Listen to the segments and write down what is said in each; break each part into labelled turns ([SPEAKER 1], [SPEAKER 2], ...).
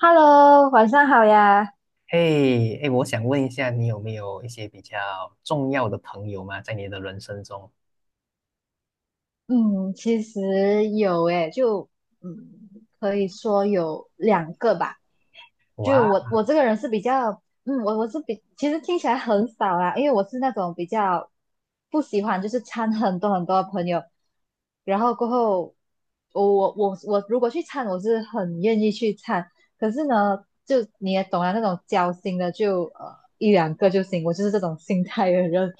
[SPEAKER 1] Hello，晚上好呀。
[SPEAKER 2] 嘿，哎，我想问一下，你有没有一些比较重要的朋友吗？在你的人生中？
[SPEAKER 1] 嗯，其实有诶，嗯，可以说有两个吧。就我这个人是比较，我我是比，其实听起来很少啦，因为我是那种比较不喜欢就是掺很多朋友，然后过后我我如果去掺，我是很愿意去掺，可是呢，就你也懂啊，那种交心的就1两个就行，我就是这种心态的人，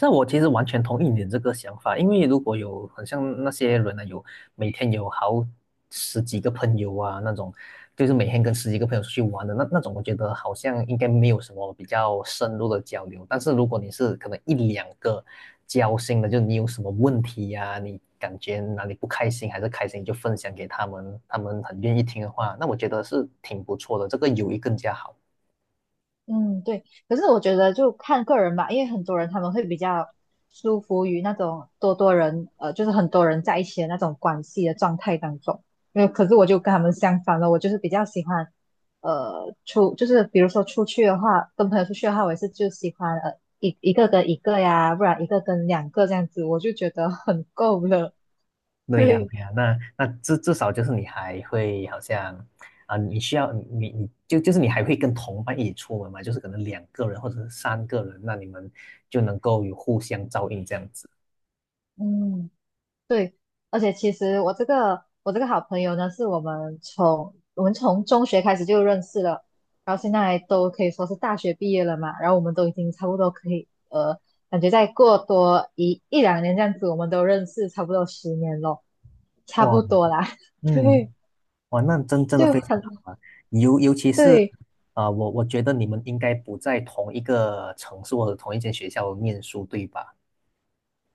[SPEAKER 2] 那我其实完全同意你的这个想法。因为如果有很像那些人呢，有每天有好十几个朋友啊，那种就是每天跟十几个朋友出去玩的那种，我觉得好像应该没有什么比较深入的交流。但是如果你是可能一两个交心的，就你有什么问题呀、你感觉哪里不开心还是开心，你就分享给他们，他们很愿意听的话，那我觉得是挺不错的，这个友谊更加好。
[SPEAKER 1] 嗯，对。可是我觉得就看个人吧，因为很多人他们会比较舒服于那种多多人，就是很多人在一起的那种关系的状态当中。因为可是我就跟他们相反了，我就是比较喜欢，出就是比如说出去的话，跟朋友出去的话，我也是就喜欢一个跟一个呀，不然1个跟2个这样子，我就觉得很够了。
[SPEAKER 2] 对呀，
[SPEAKER 1] 对，
[SPEAKER 2] 对呀，那至少就是你还会好像啊，你需要你就是你还会跟同伴一起出门嘛，就是可能2个人或者是3个人，那你们就能够有互相照应这样子。
[SPEAKER 1] 嗯。对，而且其实我这个好朋友呢，是我们从中学开始就认识了，然后现在都可以说是大学毕业了嘛，然后我们都已经差不多可以感觉再过多1两年这样子，我们都认识差不多10年咯，差
[SPEAKER 2] 哇，
[SPEAKER 1] 不多啦，对，
[SPEAKER 2] 嗯，哇，那真的
[SPEAKER 1] 就
[SPEAKER 2] 非常
[SPEAKER 1] 很
[SPEAKER 2] 好啊，尤其是
[SPEAKER 1] 对。
[SPEAKER 2] 啊，我觉得你们应该不在同一个城市或者同一间学校念书，对吧？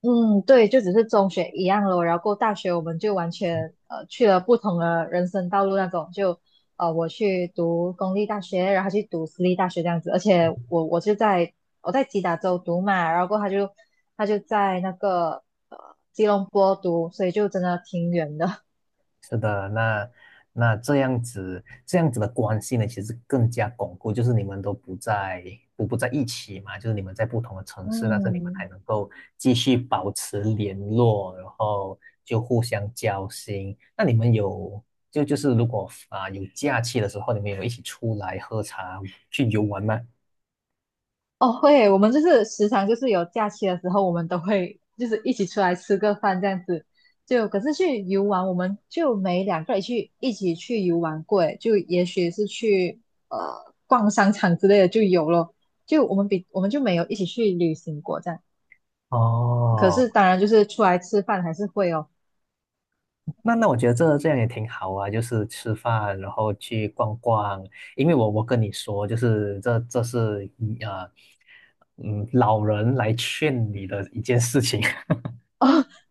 [SPEAKER 1] 嗯，对，就只是中学一样咯，然后过大学我们就完全去了不同的人生道路那种，我去读公立大学，然后他去读私立大学这样子，而且我在吉打州读嘛，然后过后他就在那个吉隆坡读，所以就真的挺远的，
[SPEAKER 2] 是的，那这样子，这样子的关系呢，其实更加巩固，就是你们都不在不在一起嘛，就是你们在不同的 城市，但是你们还
[SPEAKER 1] 嗯。
[SPEAKER 2] 能够继续保持联络，然后就互相交心。那你们有就是如果啊、有假期的时候，你们有一起出来喝茶去游玩吗？
[SPEAKER 1] 哦，会，我们就是时常就是有假期的时候，我们都会就是一起出来吃个饭这样子。就可是去游玩，我们就没两个人去一起去游玩过，诶就也许是去呃逛商场之类的就有咯。就我们比我们就没有一起去旅行过这样。可
[SPEAKER 2] 哦，
[SPEAKER 1] 是当然就是出来吃饭还是会哦。
[SPEAKER 2] 那我觉得这样也挺好啊，就是吃饭，然后去逛逛。因为我跟你说，就是这是老人来劝你的一件事情。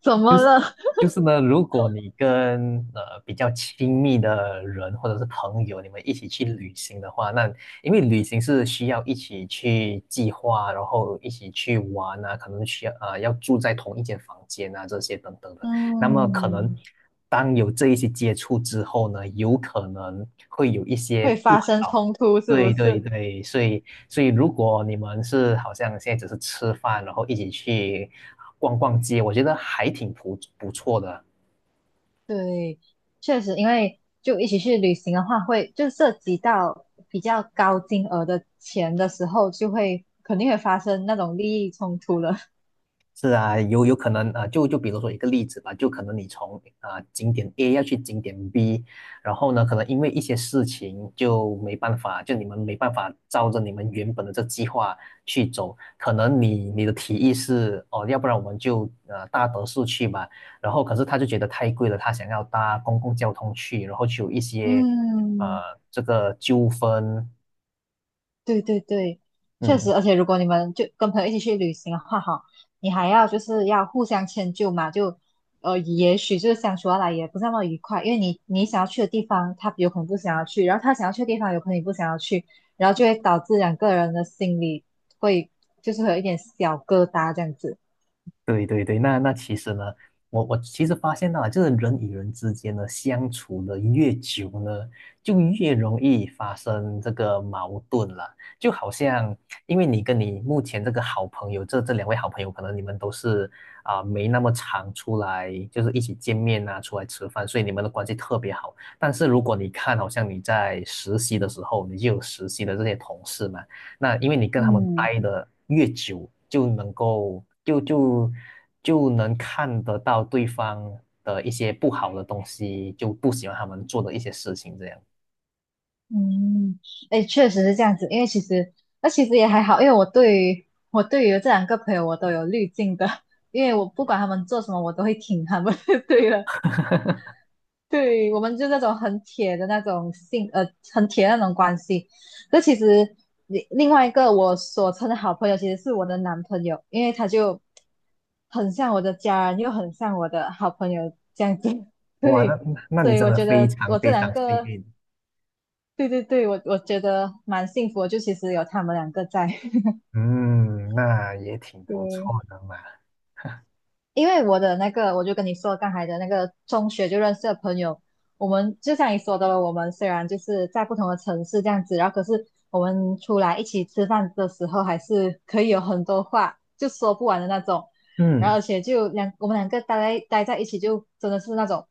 [SPEAKER 1] 怎么了？
[SPEAKER 2] 就是呢，如果你跟比较亲密的人或者是朋友，你们一起去旅行的话，那因为旅行是需要一起去计划，然后一起去玩啊，可能需要要住在同一间房间啊，这些等等 的。那么可能
[SPEAKER 1] 嗯，
[SPEAKER 2] 当有这一些接触之后呢，有可能会有一些
[SPEAKER 1] 会
[SPEAKER 2] 不
[SPEAKER 1] 发生
[SPEAKER 2] 好。
[SPEAKER 1] 冲突是不
[SPEAKER 2] 对对
[SPEAKER 1] 是？
[SPEAKER 2] 对，所以如果你们是好像现在只是吃饭，然后一起去逛逛街，我觉得还挺不错的。
[SPEAKER 1] 对，确实，因为就一起去旅行的话会，就涉及到比较高金额的钱的时候，就会肯定会发生那种利益冲突了。
[SPEAKER 2] 是啊，有可能啊、就比如说一个例子吧，就可能你从啊、景点 A 要去景点 B，然后呢，可能因为一些事情就没办法，就你们没办法照着你们原本的这计划去走，可能你的提议是哦，要不然我们就搭德士去吧。然后可是他就觉得太贵了，他想要搭公共交通去，然后就有一 些
[SPEAKER 1] 嗯，
[SPEAKER 2] 呃这个纠纷。
[SPEAKER 1] 对对对，确实，
[SPEAKER 2] 嗯。
[SPEAKER 1] 而且如果你们就跟朋友一起去旅行的话，哈，你还要就是要互相迁就嘛，也许就是相处下来也不是那么愉快，因为你想要去的地方，他有可能不想要去，然后他想要去的地方，有可能你不想要去，然后就会导致两个人的心里会就是会有一点小疙瘩这样子，
[SPEAKER 2] 对对对，那其实呢，我其实发现到了，就是人与人之间呢相处的越久呢，就越容易发生这个矛盾了。就好像，因为你跟你目前这个好朋友，这两位好朋友，可能你们都是啊、没那么常出来，就是一起见面啊，出来吃饭，所以你们的关系特别好。但是如果你看，好像你在实习的时候，你就有实习的这些同事嘛。那因为你跟他们
[SPEAKER 1] 嗯。
[SPEAKER 2] 待的越久，就能够就能看得到对方的一些不好的东西，就不喜欢他们做的一些事情，这样。
[SPEAKER 1] 嗯，哎，确实是这样子，因为其实也还好，因为我对于这两个朋友我都有滤镜的，因为我不管他们做什么，我都会挺他们。对了，对，我们就那种很铁的那种关系。那其实另外一个我所称的好朋友，其实是我的男朋友，因为他就很像我的家人，又很像我的好朋友这样子。
[SPEAKER 2] 哇，那
[SPEAKER 1] 对，
[SPEAKER 2] 那那
[SPEAKER 1] 所
[SPEAKER 2] 你
[SPEAKER 1] 以
[SPEAKER 2] 真
[SPEAKER 1] 我
[SPEAKER 2] 的
[SPEAKER 1] 觉
[SPEAKER 2] 非
[SPEAKER 1] 得
[SPEAKER 2] 常
[SPEAKER 1] 我这
[SPEAKER 2] 非
[SPEAKER 1] 两
[SPEAKER 2] 常幸
[SPEAKER 1] 个
[SPEAKER 2] 运。
[SPEAKER 1] 对对对，我觉得蛮幸福的就其实有他们两个在。
[SPEAKER 2] 嗯，那也挺不错
[SPEAKER 1] 对，
[SPEAKER 2] 的嘛。
[SPEAKER 1] 因为我的那个，我就跟你说刚才的那个中学就认识的朋友，我们就像你说的了，我们虽然就是在不同的城市这样子，然后可是我们出来一起吃饭的时候，还是可以有很多话就说不完的那种。然
[SPEAKER 2] 嗯
[SPEAKER 1] 后而且我们两个待在一起，就真的是那种，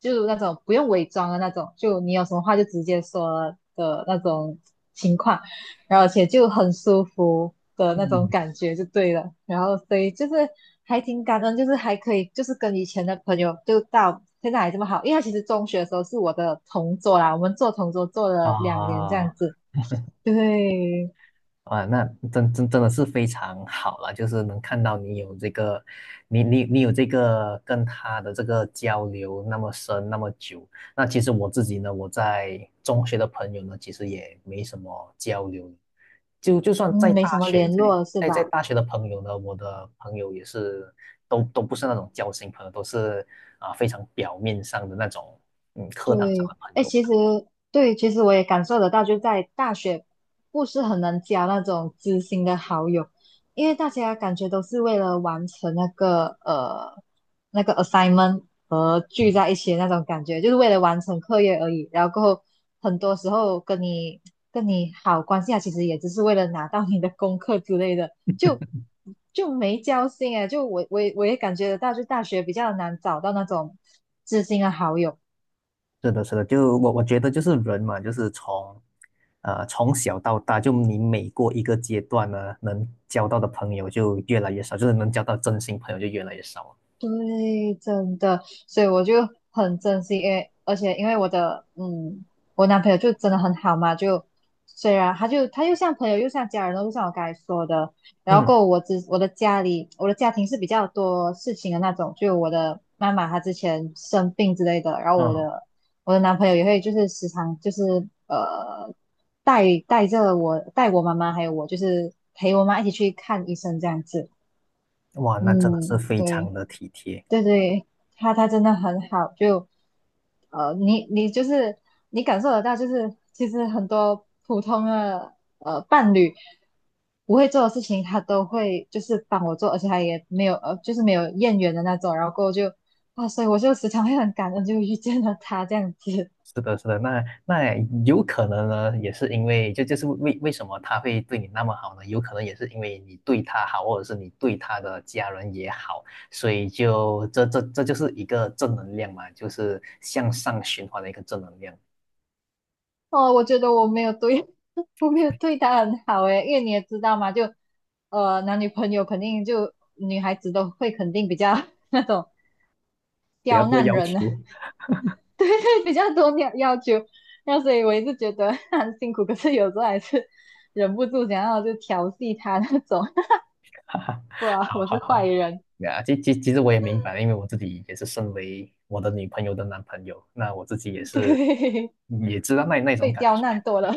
[SPEAKER 1] 就那种不用伪装的那种，就你有什么话就直接说的那种情况。然后而且就很舒服的那种
[SPEAKER 2] 嗯，
[SPEAKER 1] 感觉就对了。然后所以就是还挺感恩，就是还可以就是跟以前的朋友就到现在还这么好，因为他其实中学的时候是我的同桌啦，我们做同桌做了两年这样
[SPEAKER 2] 啊，
[SPEAKER 1] 子，就会
[SPEAKER 2] 啊，那真的是非常好了，就是能看到你有这个，你有这个跟他的这个交流那么深那么久。那其实我自己呢，我在中学的朋友呢，其实也没什么交流，就算在
[SPEAKER 1] 嗯，没
[SPEAKER 2] 大
[SPEAKER 1] 什么
[SPEAKER 2] 学，
[SPEAKER 1] 联
[SPEAKER 2] 在
[SPEAKER 1] 络是
[SPEAKER 2] 在在
[SPEAKER 1] 吧？
[SPEAKER 2] 大学的朋友呢，我的朋友也是都不是那种交心朋友，都是啊、非常表面上的那种，嗯，课堂上
[SPEAKER 1] 对，
[SPEAKER 2] 的朋友。
[SPEAKER 1] 对，其实我也感受得到，就在大学不是很能交那种知心的好友，因为大家感觉都是为了完成那个 assignment 和聚在一起的那种感觉，就是为了完成课业而已。然后过后很多时候跟你好关系啊，其实也只是为了拿到你的功课之类的，就就没交心哎。就我也感觉得到，就大学比较难找到那种知心的好友。
[SPEAKER 2] 是的，是的，就我觉得就是人嘛，就是从从小到大，就你每过一个阶段呢，能交到的朋友就越来越少，就是能交到真心朋友就越来越少了。
[SPEAKER 1] 对，真的，所以我就很珍惜，因为因为我的嗯，我男朋友就真的很好嘛，就虽然他又像朋友又像家人又就像我刚才说的，然后
[SPEAKER 2] 嗯
[SPEAKER 1] 过后我的家庭是比较多事情的那种，就我的妈妈她之前生病之类的，然后
[SPEAKER 2] 嗯，
[SPEAKER 1] 我的男朋友也会就是时常就是呃带着我带我妈妈还有我就是陪我妈一起去看医生这样子，
[SPEAKER 2] 哇，那真的是
[SPEAKER 1] 嗯，
[SPEAKER 2] 非常
[SPEAKER 1] 对。
[SPEAKER 2] 的体贴。
[SPEAKER 1] 对对，他真的很好，你就是你感受得到，就是其实很多普通的伴侣不会做的事情，他都会就是帮我做，而且他也没有就是没有怨言的那种，然后过后就啊，所以我就时常会很感恩，就遇见了他这样子。
[SPEAKER 2] 是的，是的，那有可能呢，也是因为就是为什么他会对你那么好呢？有可能也是因为你对他好，或者是你对他的家人也好，所以就这就是一个正能量嘛，就是向上循环的一个正能量。
[SPEAKER 1] 哦，我觉得我没有对，我没有对他很好诶，因为你也知道嘛，男女朋友肯定就女孩子都会肯定比较 那种
[SPEAKER 2] 不要
[SPEAKER 1] 刁
[SPEAKER 2] 多
[SPEAKER 1] 难
[SPEAKER 2] 要
[SPEAKER 1] 人啊
[SPEAKER 2] 求。
[SPEAKER 1] 比较多要求，那所以我一直觉得 他很辛苦，可是有时候还是 忍不住想要就调戏他那种，
[SPEAKER 2] 哈哈，
[SPEAKER 1] 不啊，
[SPEAKER 2] 好
[SPEAKER 1] 我
[SPEAKER 2] 好
[SPEAKER 1] 是坏
[SPEAKER 2] 好，
[SPEAKER 1] 人，
[SPEAKER 2] 呀，其实我也明白，因为我自己也是身为我的女朋友的男朋友，那我自己也 是
[SPEAKER 1] 对，
[SPEAKER 2] 也知道那种
[SPEAKER 1] 被
[SPEAKER 2] 感
[SPEAKER 1] 刁
[SPEAKER 2] 觉
[SPEAKER 1] 难多了，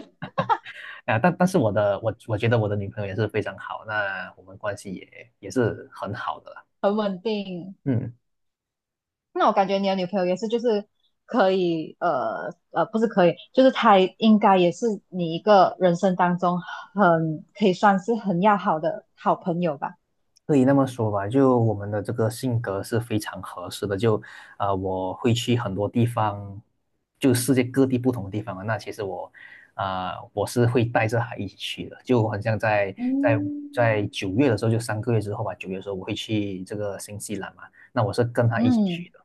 [SPEAKER 2] 啊，但是我觉得我的女朋友也是非常好，那我们关系也是很好的啦。
[SPEAKER 1] 很稳定。
[SPEAKER 2] 嗯。
[SPEAKER 1] 那我感觉你的女朋友也是，就是可以，呃呃，不是可以，就是她应该也是你一个人生当中很可以算是很要好的好朋友吧。
[SPEAKER 2] 可以那么说吧，就我们的这个性格是非常合适的。就，我会去很多地方，就世界各地不同的地方啊。那其实我，啊、我是会带着他一起去的。就很像在
[SPEAKER 1] 嗯，
[SPEAKER 2] 九月的时候，就3个月之后吧，九月的时候我会去这个新西兰嘛。那我是跟他一起去
[SPEAKER 1] 嗯。
[SPEAKER 2] 的。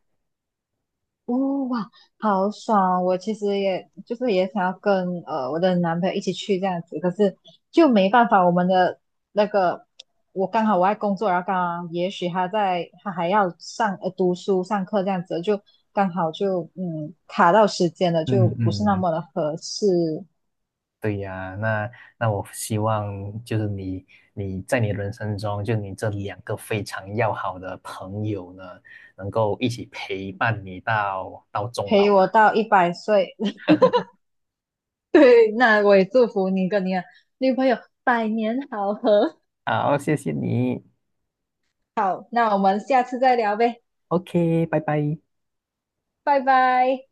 [SPEAKER 1] 哦哇，好爽！我其实也就是也想要跟我的男朋友一起去这样子，可是就没办法，我们的那个我刚好我在工作，然后刚好也许他还要上读书上课这样子，就刚好就卡到时间了，就
[SPEAKER 2] 嗯
[SPEAKER 1] 不是那
[SPEAKER 2] 嗯，
[SPEAKER 1] 么的合适。
[SPEAKER 2] 对呀，那我希望就是你在你人生中，就你这两个非常要好的朋友呢，能够一起陪伴你到终老
[SPEAKER 1] 陪我
[SPEAKER 2] 吧。
[SPEAKER 1] 到100岁，对，那我也祝福你跟你的女朋友百年好合。
[SPEAKER 2] 好，谢谢你
[SPEAKER 1] 好，那我们下次再聊呗，
[SPEAKER 2] ，OK，拜拜。
[SPEAKER 1] 拜拜。